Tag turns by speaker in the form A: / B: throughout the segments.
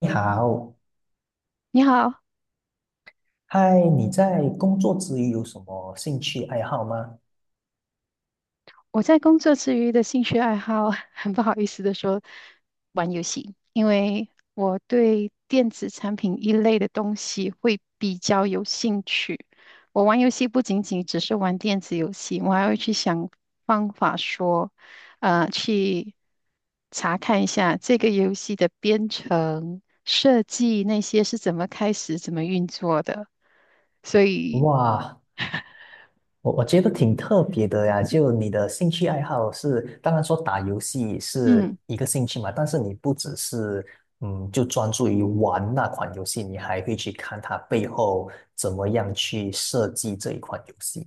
A: 你好，
B: 你好，
A: 嗨，你在工作之余有什么兴趣爱好吗？
B: 我在工作之余的兴趣爱好，很不好意思的说，玩游戏，因为我对电子产品一类的东西会比较有兴趣。我玩游戏不仅仅只是玩电子游戏，我还会去想方法说，去查看一下这个游戏的编程设计那些是怎么开始、怎么运作的。所以，
A: 哇，我觉得挺特别的呀。就你的兴趣爱好是，当然说打游戏是
B: 嗯。
A: 一个兴趣嘛，但是你不只是就专注于玩那款游戏，你还会去看它背后怎么样去设计这一款游戏。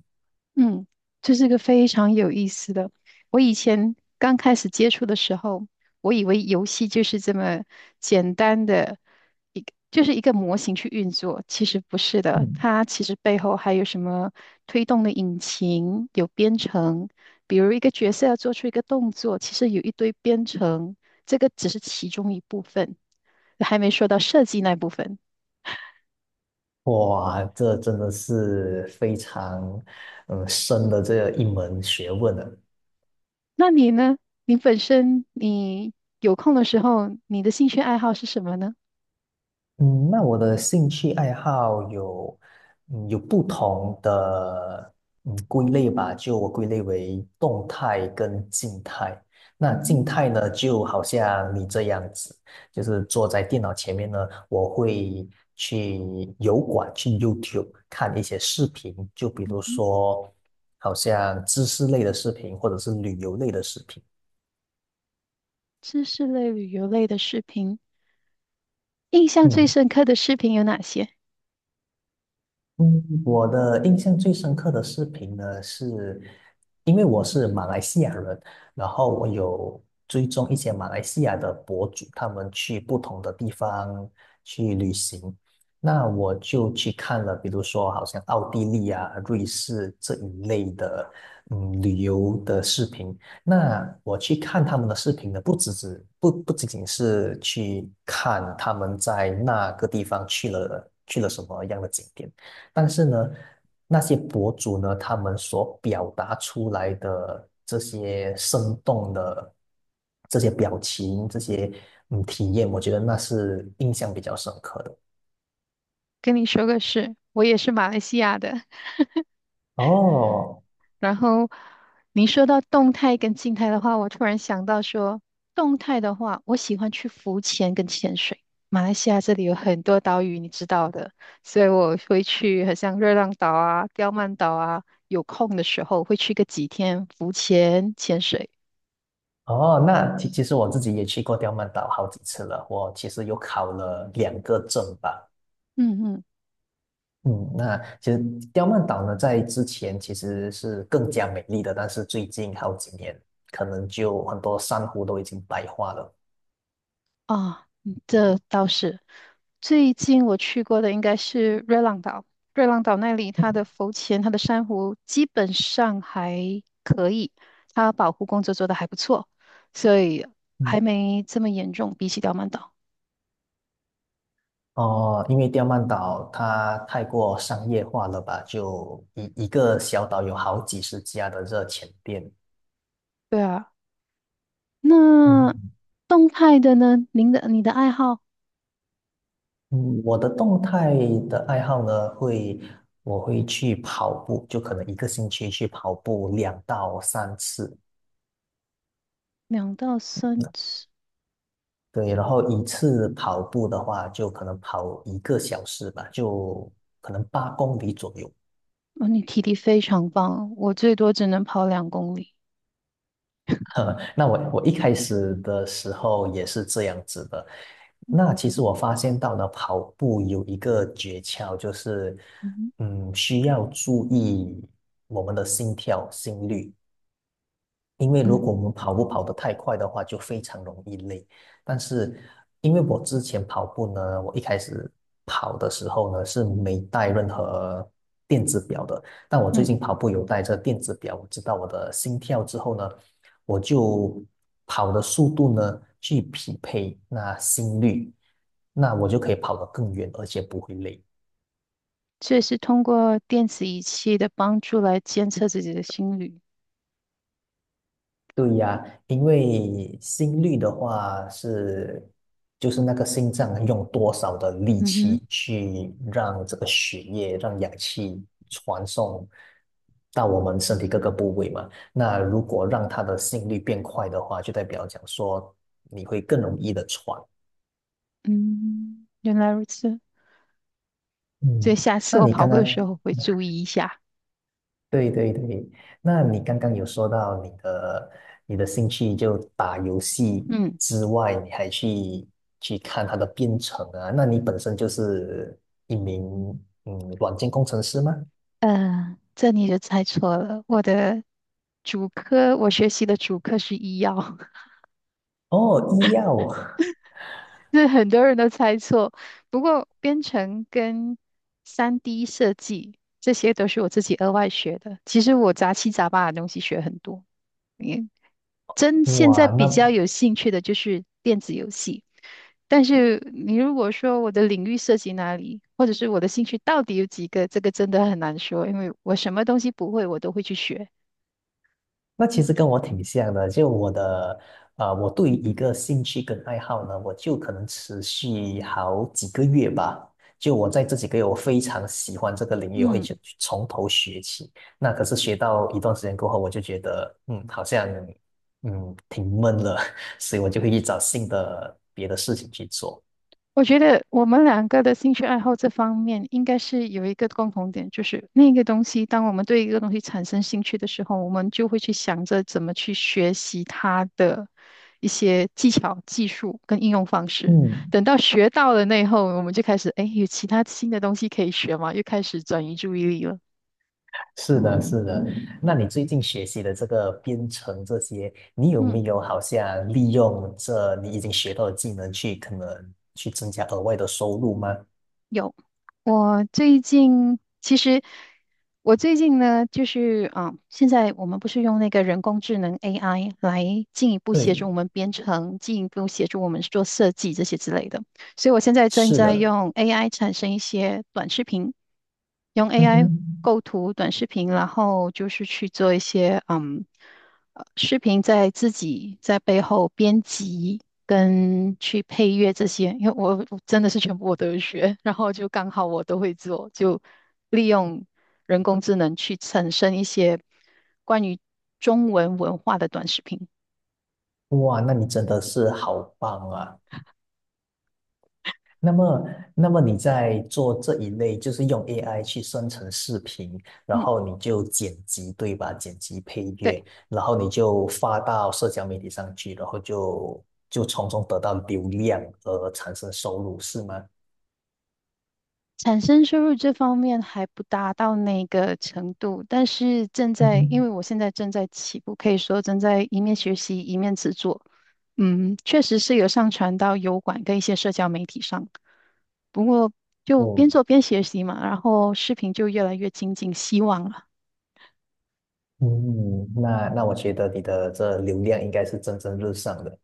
B: 嗯，这是个非常有意思的。我以前刚开始接触的时候，我以为游戏就是这么简单的一个，就是一个模型去运作，其实不是的。
A: 嗯，
B: 它其实背后还有什么推动的引擎，有编程。比如一个角色要做出一个动作，其实有一堆编程，这个只是其中一部分，还没说到设计那部分。
A: 哇，这真的是非常深的这一门学问呢。
B: 那你呢？你本身你有空的时候，你的兴趣爱好是什么呢？
A: 嗯，那我的兴趣爱好有，嗯，有不同的归类吧，就我归类为动态跟静态。那
B: 嗯哼
A: 静态呢，就好像你这样子，就是坐在电脑前面呢，我会去油管、去 YouTube 看一些视频，就比
B: 嗯
A: 如
B: 哼，
A: 说好像知识类的视频或者是旅游类的视频。
B: 知识类、旅游类的视频，印象最
A: 嗯，
B: 深刻的视频有哪些？
A: 嗯，我的印象最深刻的视频呢，是因为我是马来西亚人，然后我有追踪一些马来西亚的博主，他们去不同的地方去旅行，那我就去看了，比如说好像奥地利啊、瑞士这一类的，嗯，旅游的视频。那我去看他们的视频呢，不仅仅是去看他们在那个地方去了什么样的景点。但是呢，那些博主呢，他们所表达出来的这些生动的这些表情、这些体验，我觉得那是印象比较深刻的。
B: 跟你说个事，我也是马来西亚的。
A: 哦
B: 然后你说到动态跟静态的话，我突然想到说，动态的话，我喜欢去浮潜跟潜水。马来西亚这里有很多岛屿，你知道的，所以我会去，好像热浪岛啊、刁曼岛啊，有空的时候会去个几天浮潜、潜水。
A: 哦，那其实我自己也去过刁曼岛好几次了，我其实有考了两个证吧。
B: 嗯嗯，
A: 嗯，那其实刁曼岛呢，在之前其实是更加美丽的，但是最近好几年，可能就很多珊瑚都已经白化了。
B: 啊，这倒是。最近我去过的应该是瑞浪岛，瑞浪岛那里它的浮潜、它的珊瑚基本上还可以，它保护工作做得还不错，所以
A: 嗯。
B: 还没这么严重，比起刁曼岛。
A: 哦，因为刁曼岛它太过商业化了吧，就一个小岛有好几十家的热钱店。
B: 对啊，那
A: 嗯
B: 动态的呢？你的爱好
A: 嗯，我的动态的爱好呢，我会去跑步，就可能一个星期去跑步两到三次。
B: 两到三次，
A: 对，然后一次跑步的话，就可能跑一个小时吧，就可能八公里左右。
B: 哦，你体力非常棒，我最多只能跑两公里。
A: 呵，那我一开始的时候也是这样子的。那其实我发现到呢，跑步有一个诀窍，就是
B: 嗯
A: 嗯，需要注意我们的心跳、心率。因为如
B: 嗯
A: 果我们跑步跑得太快的话，就非常容易累。但是因为我之前跑步呢，我一开始跑的时候呢是没带任何电子表的，但我最
B: 嗯，
A: 近跑步有带着电子表，我知道我的心跳之后呢，我就跑的速度呢去匹配那心率，那我就可以跑得更远，而且不会累。
B: 这也是通过电子仪器的帮助来监测自己的心率。
A: 对呀，因为心率的话是，就是那个心脏用多少的力
B: 嗯哼。
A: 气去让这个血液、让氧气传送到我们身体各个部位嘛。那如果让它的心率变快的话，就代表讲说你会更容易的喘。
B: 嗯，原来如此，所以
A: 嗯，
B: 下次
A: 那
B: 我
A: 你
B: 跑
A: 刚
B: 步
A: 刚
B: 的时候会注意一下。
A: 对对对，那你刚刚有说到你的你的兴趣就打游戏
B: 嗯，
A: 之外，你还去看它的编程啊？那你本身就是一名软件工程师吗？
B: 这你就猜错了，我的主科，我学习的主科是医药，
A: 哦，医药，
B: 这很多人都猜错。不过编程跟3D 设计这些都是我自己额外学的，其实我杂七杂八的东西学很多。现在
A: 哇，那
B: 比较有兴趣的就是电子游戏，但是你如果说我的领域涉及哪里，或者是我的兴趣到底有几个，这个真的很难说，因为我什么东西不会，我都会去学。
A: 那其实跟我挺像的，就我的，我对于一个兴趣跟爱好呢，我就可能持续好几个月吧。就我在这几个月，我非常喜欢这个领域，我会
B: 嗯。
A: 去从头学起。那可是学到一段时间过后，我就觉得，嗯，好像，嗯，挺闷了，所以我就会去找新的别的事情去做。
B: 我觉得我们两个的兴趣爱好这方面应该是有一个共同点，就是那个东西，当我们对一个东西产生兴趣的时候，我们就会去想着怎么去学习它的一些技巧、技术跟应用方式。
A: 嗯。
B: 等到学到了那以后，我们就开始，哎，有其他新的东西可以学嘛，又开始转移注意力了。
A: 是的，是的。那你最近学习的这个编程这些，你有
B: 嗯。
A: 没有好像利用这你已经学到的技能去可能去增加额外的收入吗？
B: 有，我最近其实我最近呢，就是啊、现在我们不是用那个人工智能 AI 来进一步协助
A: 对，
B: 我们编程，进一步协助我们做设计这些之类的。所以我现在正
A: 是
B: 在
A: 的。
B: 用 AI 产生一些短视频，用
A: 嗯
B: AI
A: 哼，
B: 构图短视频，然后就是去做一些视频在自己在背后编辑跟去配乐这些，因为我真的是全部我都有学，然后就刚好我都会做，就利用人工智能去产生一些关于中文文化的短视频。
A: 哇，那你真的是好棒啊！那么，那么你在做这一类，就是用 AI 去生成视频，然
B: 嗯，
A: 后你就剪辑，对吧？剪辑配
B: 对。
A: 乐，然后你就发到社交媒体上去，然后就就从中得到流量而产生收入，是吗？
B: 产生收入这方面还不达到那个程度，但是正
A: 嗯
B: 在，因
A: 哼，
B: 为我现在正在起步，可以说正在一面学习一面制作。确实是有上传到油管跟一些社交媒体上，不过就
A: 嗯
B: 边做边学习嘛，然后视频就越来越精进，希望了，
A: 嗯，那那我觉得你的这流量应该是蒸蒸日上的。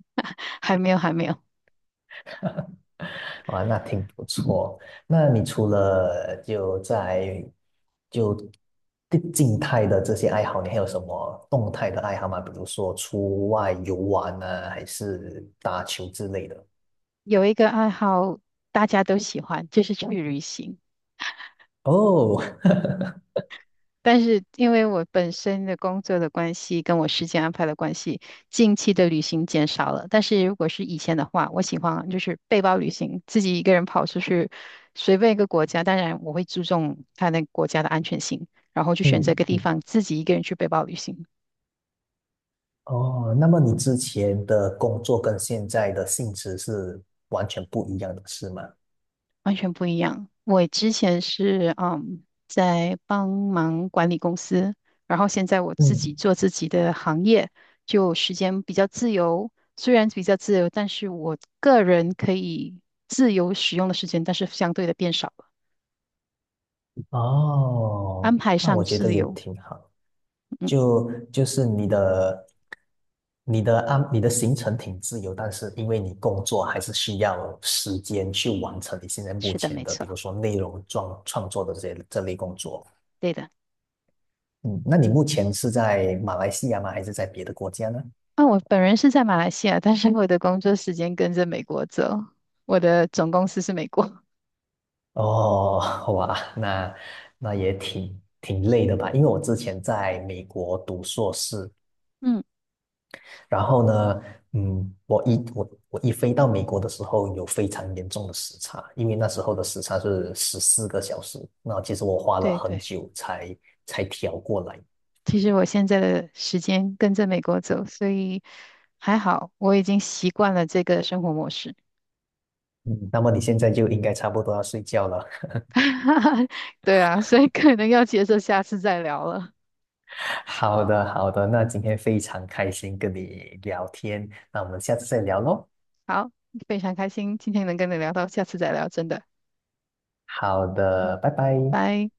B: 还没有，还没有。
A: 哇，那挺不错。那你除了就在就静态的这些爱好，你还有什么动态的爱好吗？比如说出外游玩啊，还是打球之类的？
B: 有一个爱好大家都喜欢，就是去旅行。
A: 哦，
B: 但是因为我本身的工作的关系，跟我时间安排的关系，近期的旅行减少了。但是如果是以前的话，我喜欢就是背包旅行，自己一个人跑出去，随便一个国家。当然，我会注重他那个国家的安全性，然后去选择一
A: 嗯
B: 个地
A: 嗯，
B: 方自己一个人去背包旅行。
A: 哦，那么你之前的工作跟现在的性质是完全不一样的，是吗？
B: 完全不一样。我之前是在帮忙管理公司，然后现在我自己
A: 嗯，
B: 做自己的行业，就时间比较自由。虽然比较自由，但是我个人可以自由使用的时间，但是相对的变少了，安
A: 哦，
B: 排
A: 那
B: 上
A: 我觉得
B: 自
A: 也
B: 由。
A: 挺好。
B: 嗯，
A: 就就是你的你的你的行程挺自由，但是因为你工作还是需要时间去完成你现在目
B: 是的，
A: 前
B: 没
A: 的，
B: 错，
A: 比如说内容创作的这些这类工作。
B: 对的。
A: 嗯，那你目前是在马来西亚吗？还是在别的国家呢？
B: 啊，我本人是在马来西亚，但是我的工作时间跟着美国走，我的总公司是美国。
A: 哦，哇，那那也挺累的吧？因为我之前在美国读硕士，
B: 嗯，
A: 然后呢，嗯，我一飞到美国的时候，有非常严重的时差，因为那时候的时差是14个小时。那其实我花了
B: 对
A: 很
B: 对。
A: 久才调过来。
B: 其实我现在的时间跟着美国走，所以还好，我已经习惯了这个生活模式。
A: 嗯，那么你现在就应该差不多要睡觉了。
B: 对啊，所以可能要接受下次再聊了。
A: 好的，好的，那今天非常开心跟你聊天，那我们下次再聊喽。
B: 好，非常开心今天能跟你聊到，下次再聊，真的，
A: 好的，拜拜。
B: 拜。